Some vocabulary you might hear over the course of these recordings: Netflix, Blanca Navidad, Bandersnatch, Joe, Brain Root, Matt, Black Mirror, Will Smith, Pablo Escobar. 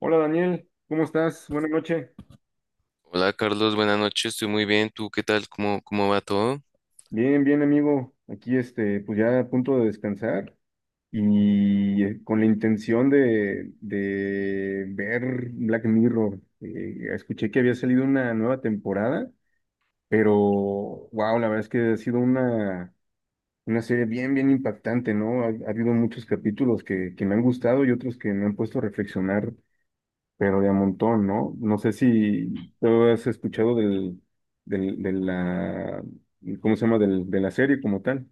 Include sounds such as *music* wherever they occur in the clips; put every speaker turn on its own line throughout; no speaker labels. Hola Daniel, ¿cómo estás? Buenas noches.
Hola Carlos, buenas noches, estoy muy bien. ¿Tú qué tal? ¿Cómo va todo?
Bien, bien amigo. Aquí pues ya a punto de descansar y con la intención de ver Black Mirror. Escuché que había salido una nueva temporada, pero wow, la verdad es que ha sido una serie bien, bien impactante, ¿no? Ha habido muchos capítulos que me han gustado y otros que me han puesto a reflexionar. Pero de a montón, ¿no? No sé si tú has escuchado del, de la, ¿cómo se llama? De la serie como tal.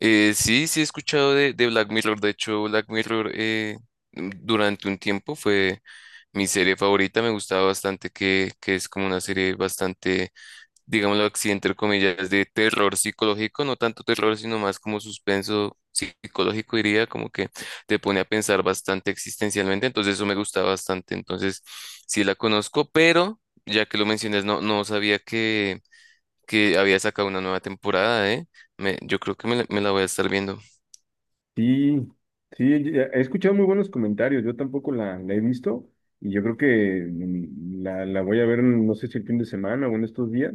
Sí, he escuchado de Black Mirror. De hecho, Black Mirror durante un tiempo fue mi serie favorita. Me gustaba bastante que es como una serie bastante, digámoslo así, entre comillas, de terror psicológico. No tanto terror, sino más como suspenso psicológico, diría, como que te pone a pensar bastante existencialmente. Entonces eso me gusta bastante. Entonces sí la conozco, pero ya que lo mencionas, no, no sabía que había sacado una nueva temporada, ¿eh? Yo creo que me la voy a estar viendo.
Sí, sí, he escuchado muy buenos comentarios. Yo tampoco la he visto y yo creo que la voy a ver, no sé si el fin de semana o en estos días,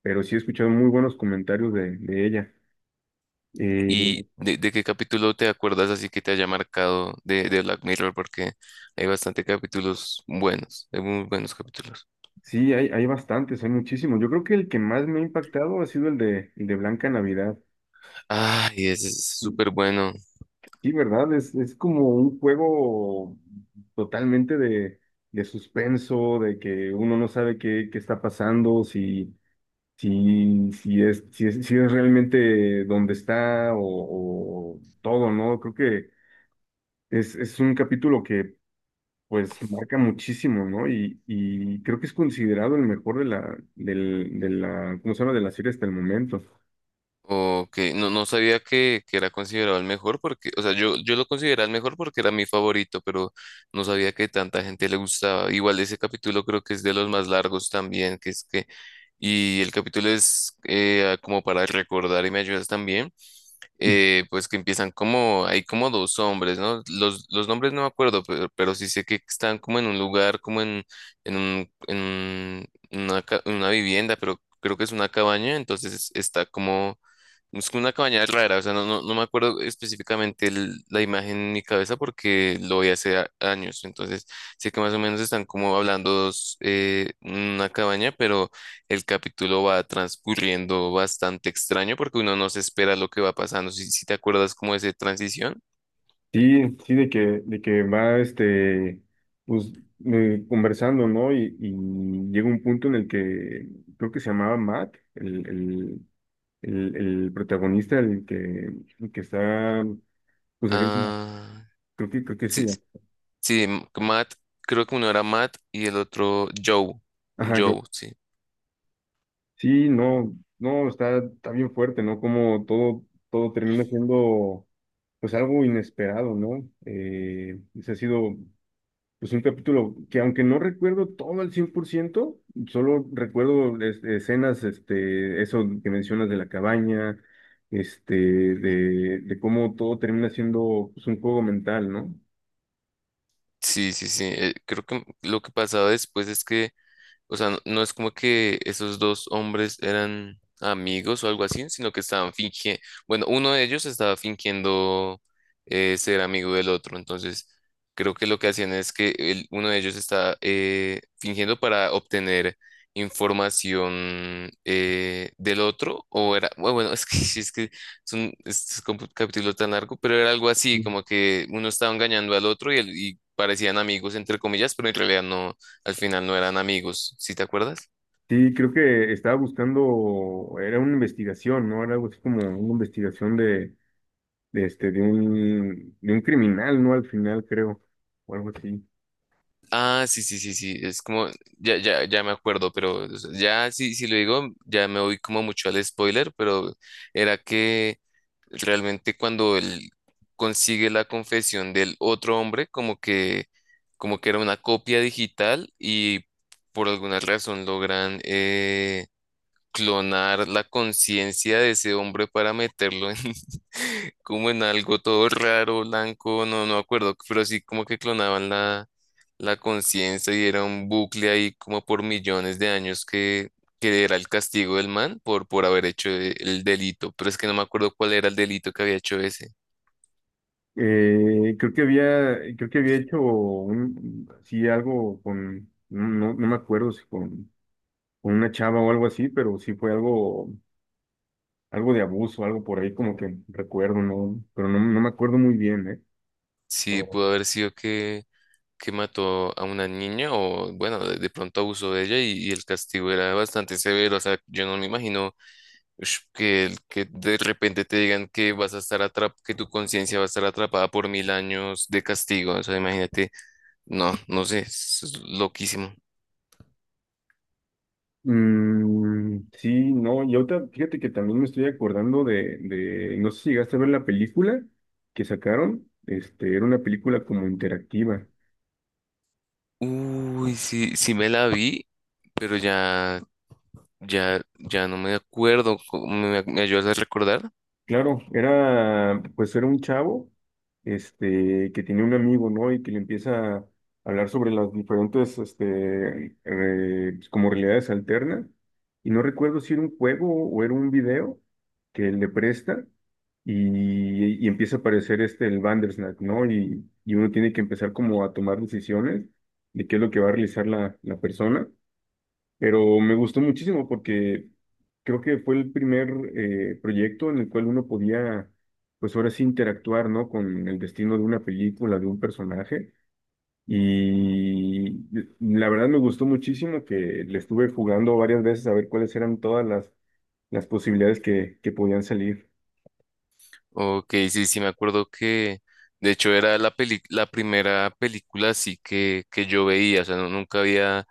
pero sí he escuchado muy buenos comentarios de ella. Eh,
¿Y de qué capítulo te acuerdas así que te haya marcado de Black Mirror? Porque hay bastante capítulos buenos, hay muy buenos capítulos.
sí, hay bastantes, hay muchísimos. Yo creo que el que más me ha impactado ha sido el de Blanca Navidad.
Ay, ese es súper bueno.
Sí, ¿verdad? Es como un juego totalmente de suspenso, de que uno no sabe qué está pasando, si es realmente donde está o todo, ¿no? Creo que es un capítulo que pues marca muchísimo, ¿no? Y creo que es considerado el mejor de la, del, de la, ¿cómo se llama? De la serie hasta el momento.
Ok, no, no sabía que era considerado el mejor porque, o sea, yo lo consideraba el mejor porque era mi favorito, pero no sabía que tanta gente le gustaba. Igual ese capítulo creo que es de los más largos también, y el capítulo es como para recordar y me ayudas también, pues que empiezan como, hay como dos hombres, ¿no? Los nombres no me acuerdo, pero sí sé que están como en un lugar, como en un, en una, ca- una vivienda, pero creo que es una cabaña, entonces está como es como una cabaña rara, o sea, no me acuerdo específicamente la imagen en mi cabeza porque lo vi hace años, entonces sé que más o menos están como hablando dos, una cabaña, pero el capítulo va transcurriendo bastante extraño porque uno no se espera lo que va pasando, si te acuerdas como de esa transición.
Sí, sí, de que va pues, conversando, ¿no? Y llega un punto en el que creo que se llamaba Matt, el protagonista, el que está, pues, haciendo,
Ah,
creo que
sí,
sí, ya.
Matt, creo que uno era Matt y el otro Joe,
Ajá, yo,
Joe, sí.
sí, no, no, está, está bien fuerte, ¿no? Como todo, todo termina siendo, pues, algo inesperado, ¿no? Ese ha sido. Pues un capítulo que aunque no recuerdo todo al 100% solo recuerdo escenas, eso que mencionas de la cabaña, de cómo todo termina siendo pues, un juego mental, ¿no?
Sí, Creo que lo que pasaba después es que... O sea, no, no es como que esos dos hombres eran amigos o algo así, sino que estaban fingiendo, bueno, uno de ellos estaba fingiendo ser amigo del otro, entonces creo que lo que hacían es que uno de ellos estaba fingiendo para obtener información del otro, o era, bueno, es que, *laughs* es que es un, es como un capítulo tan largo, pero era algo así,
Mm.
como que uno estaba engañando al otro y, y parecían amigos, entre comillas, pero en realidad no al final no eran amigos, ¿sí te acuerdas?
Sí, creo que estaba buscando, era una investigación, ¿no? Era algo así como una investigación de un criminal, ¿no? Al final, creo, o algo así.
Sí, es como, ya me acuerdo, pero o sea, ya, si lo digo, ya me voy como mucho al spoiler, pero era que realmente cuando él consigue la confesión del otro hombre, como que era una copia digital y por alguna razón logran clonar la conciencia de ese hombre para meterlo en *laughs* como en algo todo raro, blanco, no me acuerdo, pero sí como que clonaban la, la conciencia y era un bucle ahí como por millones de años que era el castigo del man por haber hecho el delito, pero es que no me acuerdo cuál era el delito que había hecho ese.
Creo que había hecho un, sí, algo con, no, no, no me acuerdo si con, con una chava o algo así, pero sí fue algo, algo de abuso, algo por ahí como que recuerdo, ¿no? Pero no, no me acuerdo muy bien, ¿eh?
Sí,
Pero,
pudo haber sido Que mató a una niña o bueno, de pronto abusó de ella y el castigo era bastante severo, o sea, yo no me imagino Ush, que, que de repente te digan que vas a estar atrap que tu conciencia va a estar atrapada por 1000 años de castigo. O sea, imagínate, no, no sé, es loquísimo.
sí, no, y ahorita fíjate que también me estoy acordando no sé si llegaste a ver la película que sacaron, era una película como interactiva.
Uy, sí, sí me la vi, pero ya no me acuerdo. Me ayudas a recordar?
Claro, era, pues era un chavo, que tenía un amigo, ¿no? Y que le empieza a hablar sobre las diferentes, como realidades alternas. Y no recuerdo si era un juego o era un video que le presta y empieza a aparecer el Bandersnatch, ¿no? Y uno tiene que empezar como a tomar decisiones de qué es lo que va a realizar la persona. Pero me gustó muchísimo porque creo que fue el primer proyecto en el cual uno podía, pues ahora sí, interactuar, ¿no? Con el destino de una película, de un personaje. Y la verdad me gustó muchísimo que le estuve jugando varias veces a ver cuáles eran todas las posibilidades que podían salir.
Ok, sí, sí, me acuerdo que de hecho era la la primera película así que yo veía, o sea, nunca había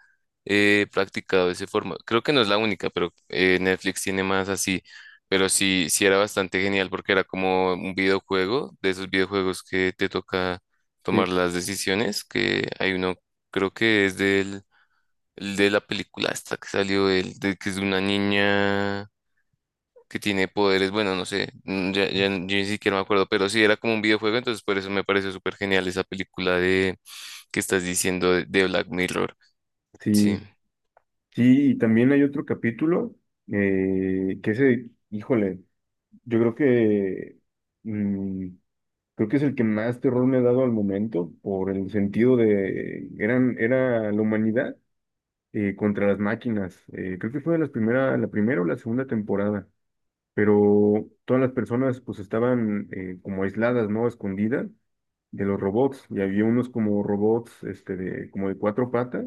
practicado ese formato. Creo que no es la única, pero Netflix tiene más así, pero sí, sí era bastante genial porque era como un videojuego, de esos videojuegos que te toca
Sí,
tomar las decisiones, que hay uno, creo que es del, el de la película esta que salió, el de, que es de una niña que tiene poderes, bueno, no sé, ya yo ni siquiera me acuerdo, pero sí era como un videojuego, entonces por eso me pareció súper genial esa película de que estás diciendo de Black Mirror. Sí,
sí, sí, y también hay otro capítulo híjole, yo creo que mm, creo que es el que más terror me ha dado al momento, por el sentido de, eran, era la humanidad contra las máquinas. Creo que fue de las primera, la primera o la segunda temporada, pero todas las personas pues estaban como aisladas, ¿no? Escondidas de los robots, y había unos como robots, como de cuatro patas,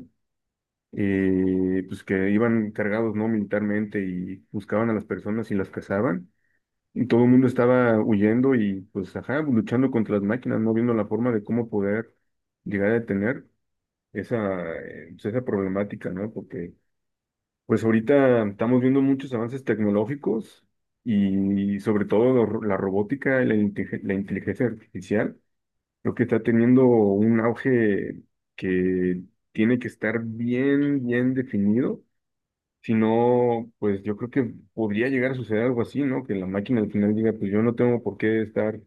pues que iban cargados, ¿no? Militarmente y buscaban a las personas y las cazaban. Y todo el mundo estaba huyendo y pues ajá, pues, luchando contra las máquinas, no viendo la forma de cómo poder llegar a detener esa, pues, esa problemática, ¿no? Porque pues ahorita estamos viendo muchos avances tecnológicos y sobre todo la robótica y la inteligencia artificial, lo que está teniendo un auge que tiene que estar bien, bien definido si no, pues yo creo que podría llegar a suceder algo así, ¿no? Que la máquina al final diga, pues yo no tengo por qué estar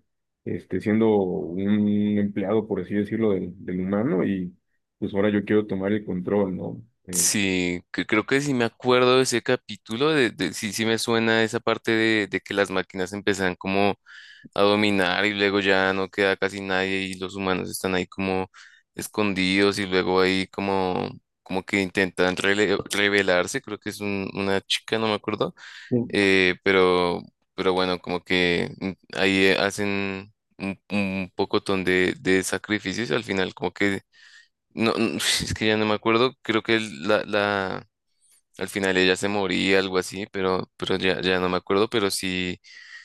siendo un empleado, por así decirlo, del humano y pues ahora yo quiero tomar el control, ¿no?
Creo que sí me acuerdo de ese capítulo, sí, sí me suena esa parte de que las máquinas empiezan como a dominar y luego ya no queda casi nadie y los humanos están ahí como escondidos y luego ahí como... como que intentan rebelarse, creo que es una chica, no me acuerdo. Eh, pero, pero bueno, como que ahí hacen un pocotón de sacrificios al final, como que, no, no, *laughs* es que ya no me acuerdo, creo que la, al final ella se moría, algo así, pero ya no me acuerdo, pero sí,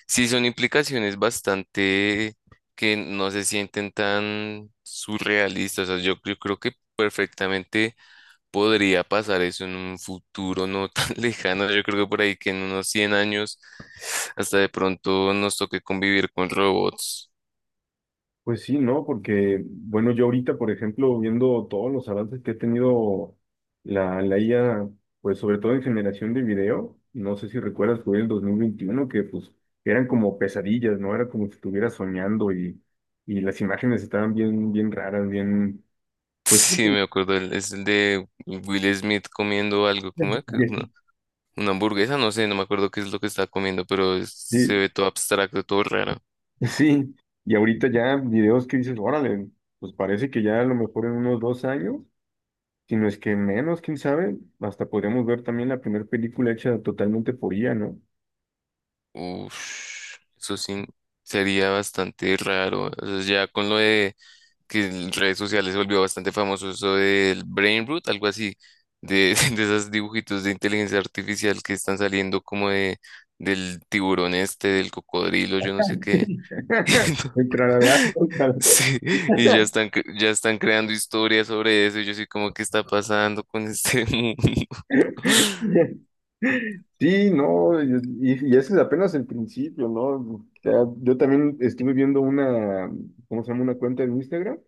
sí son implicaciones bastante que no se sienten tan surrealistas, o sea, yo creo que perfectamente podría pasar eso en un futuro no tan *laughs* lejano. Yo creo que por ahí que en unos 100 años hasta de pronto nos toque convivir con robots. *laughs*
Pues sí, ¿no? Porque, bueno, yo ahorita, por ejemplo, viendo todos los avances que ha tenido la IA, pues sobre todo en generación de video, no sé si recuerdas, fue el 2021 que pues eran como pesadillas, ¿no? Era como si estuviera soñando y las imágenes estaban bien, bien raras, bien, pues...
Sí, me
*laughs*
acuerdo, es el de Will Smith comiendo algo, como una, una hamburguesa, no sé, no me acuerdo qué es lo que está comiendo, pero se
Sí,
ve todo abstracto, todo raro.
sí, y ahorita ya videos que dices, órale, pues parece que ya a lo mejor en unos 2 años, si no es que menos, quién sabe, hasta podríamos ver también la primera película hecha totalmente por IA, ¿no?
Uf, eso sí sería bastante raro. O sea, ya con lo de que en redes sociales se volvió bastante famoso eso del Brain Root, algo así, de, *laughs* de esos dibujitos de inteligencia artificial que están saliendo como de, del tiburón este, del cocodrilo, yo no sé qué.
*laughs* El
*laughs*
tralalá, el tralalá.
Sí, y ya están, ya están creando historias sobre eso, y yo sí como, ¿qué está pasando con este *laughs* mundo?
*laughs* Sí, no, y ese es apenas el principio, ¿no? O sea, yo también estuve viendo una, ¿cómo se llama? Una cuenta en Instagram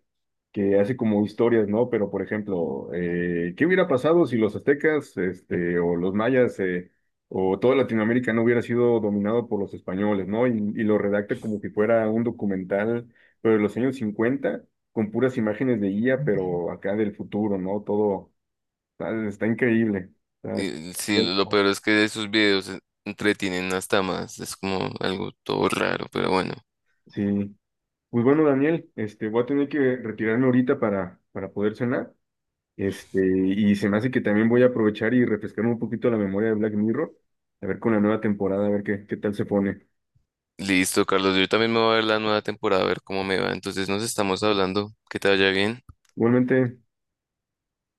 que hace como historias, ¿no? Pero, por ejemplo, ¿qué hubiera pasado si los aztecas, o los mayas, o toda Latinoamérica no hubiera sido dominado por los españoles, ¿no? Y lo redacta como que fuera un documental, pero de los años 50 con puras imágenes de IA, pero acá del futuro, ¿no? Todo está, está increíble. Está- es-
Y sí, lo peor es que de esos videos entretienen hasta más, es como algo todo raro, pero bueno.
sí. Pues bueno, Daniel, voy a tener que retirarme ahorita para poder cenar. Y se me hace que también voy a aprovechar y refrescarme un poquito la memoria de Black Mirror, a ver con la nueva temporada, a ver qué, qué tal se pone.
Listo, Carlos. Yo también me voy a ver la nueva temporada, a ver cómo me va. Entonces nos estamos hablando. Que te vaya bien.
Igualmente,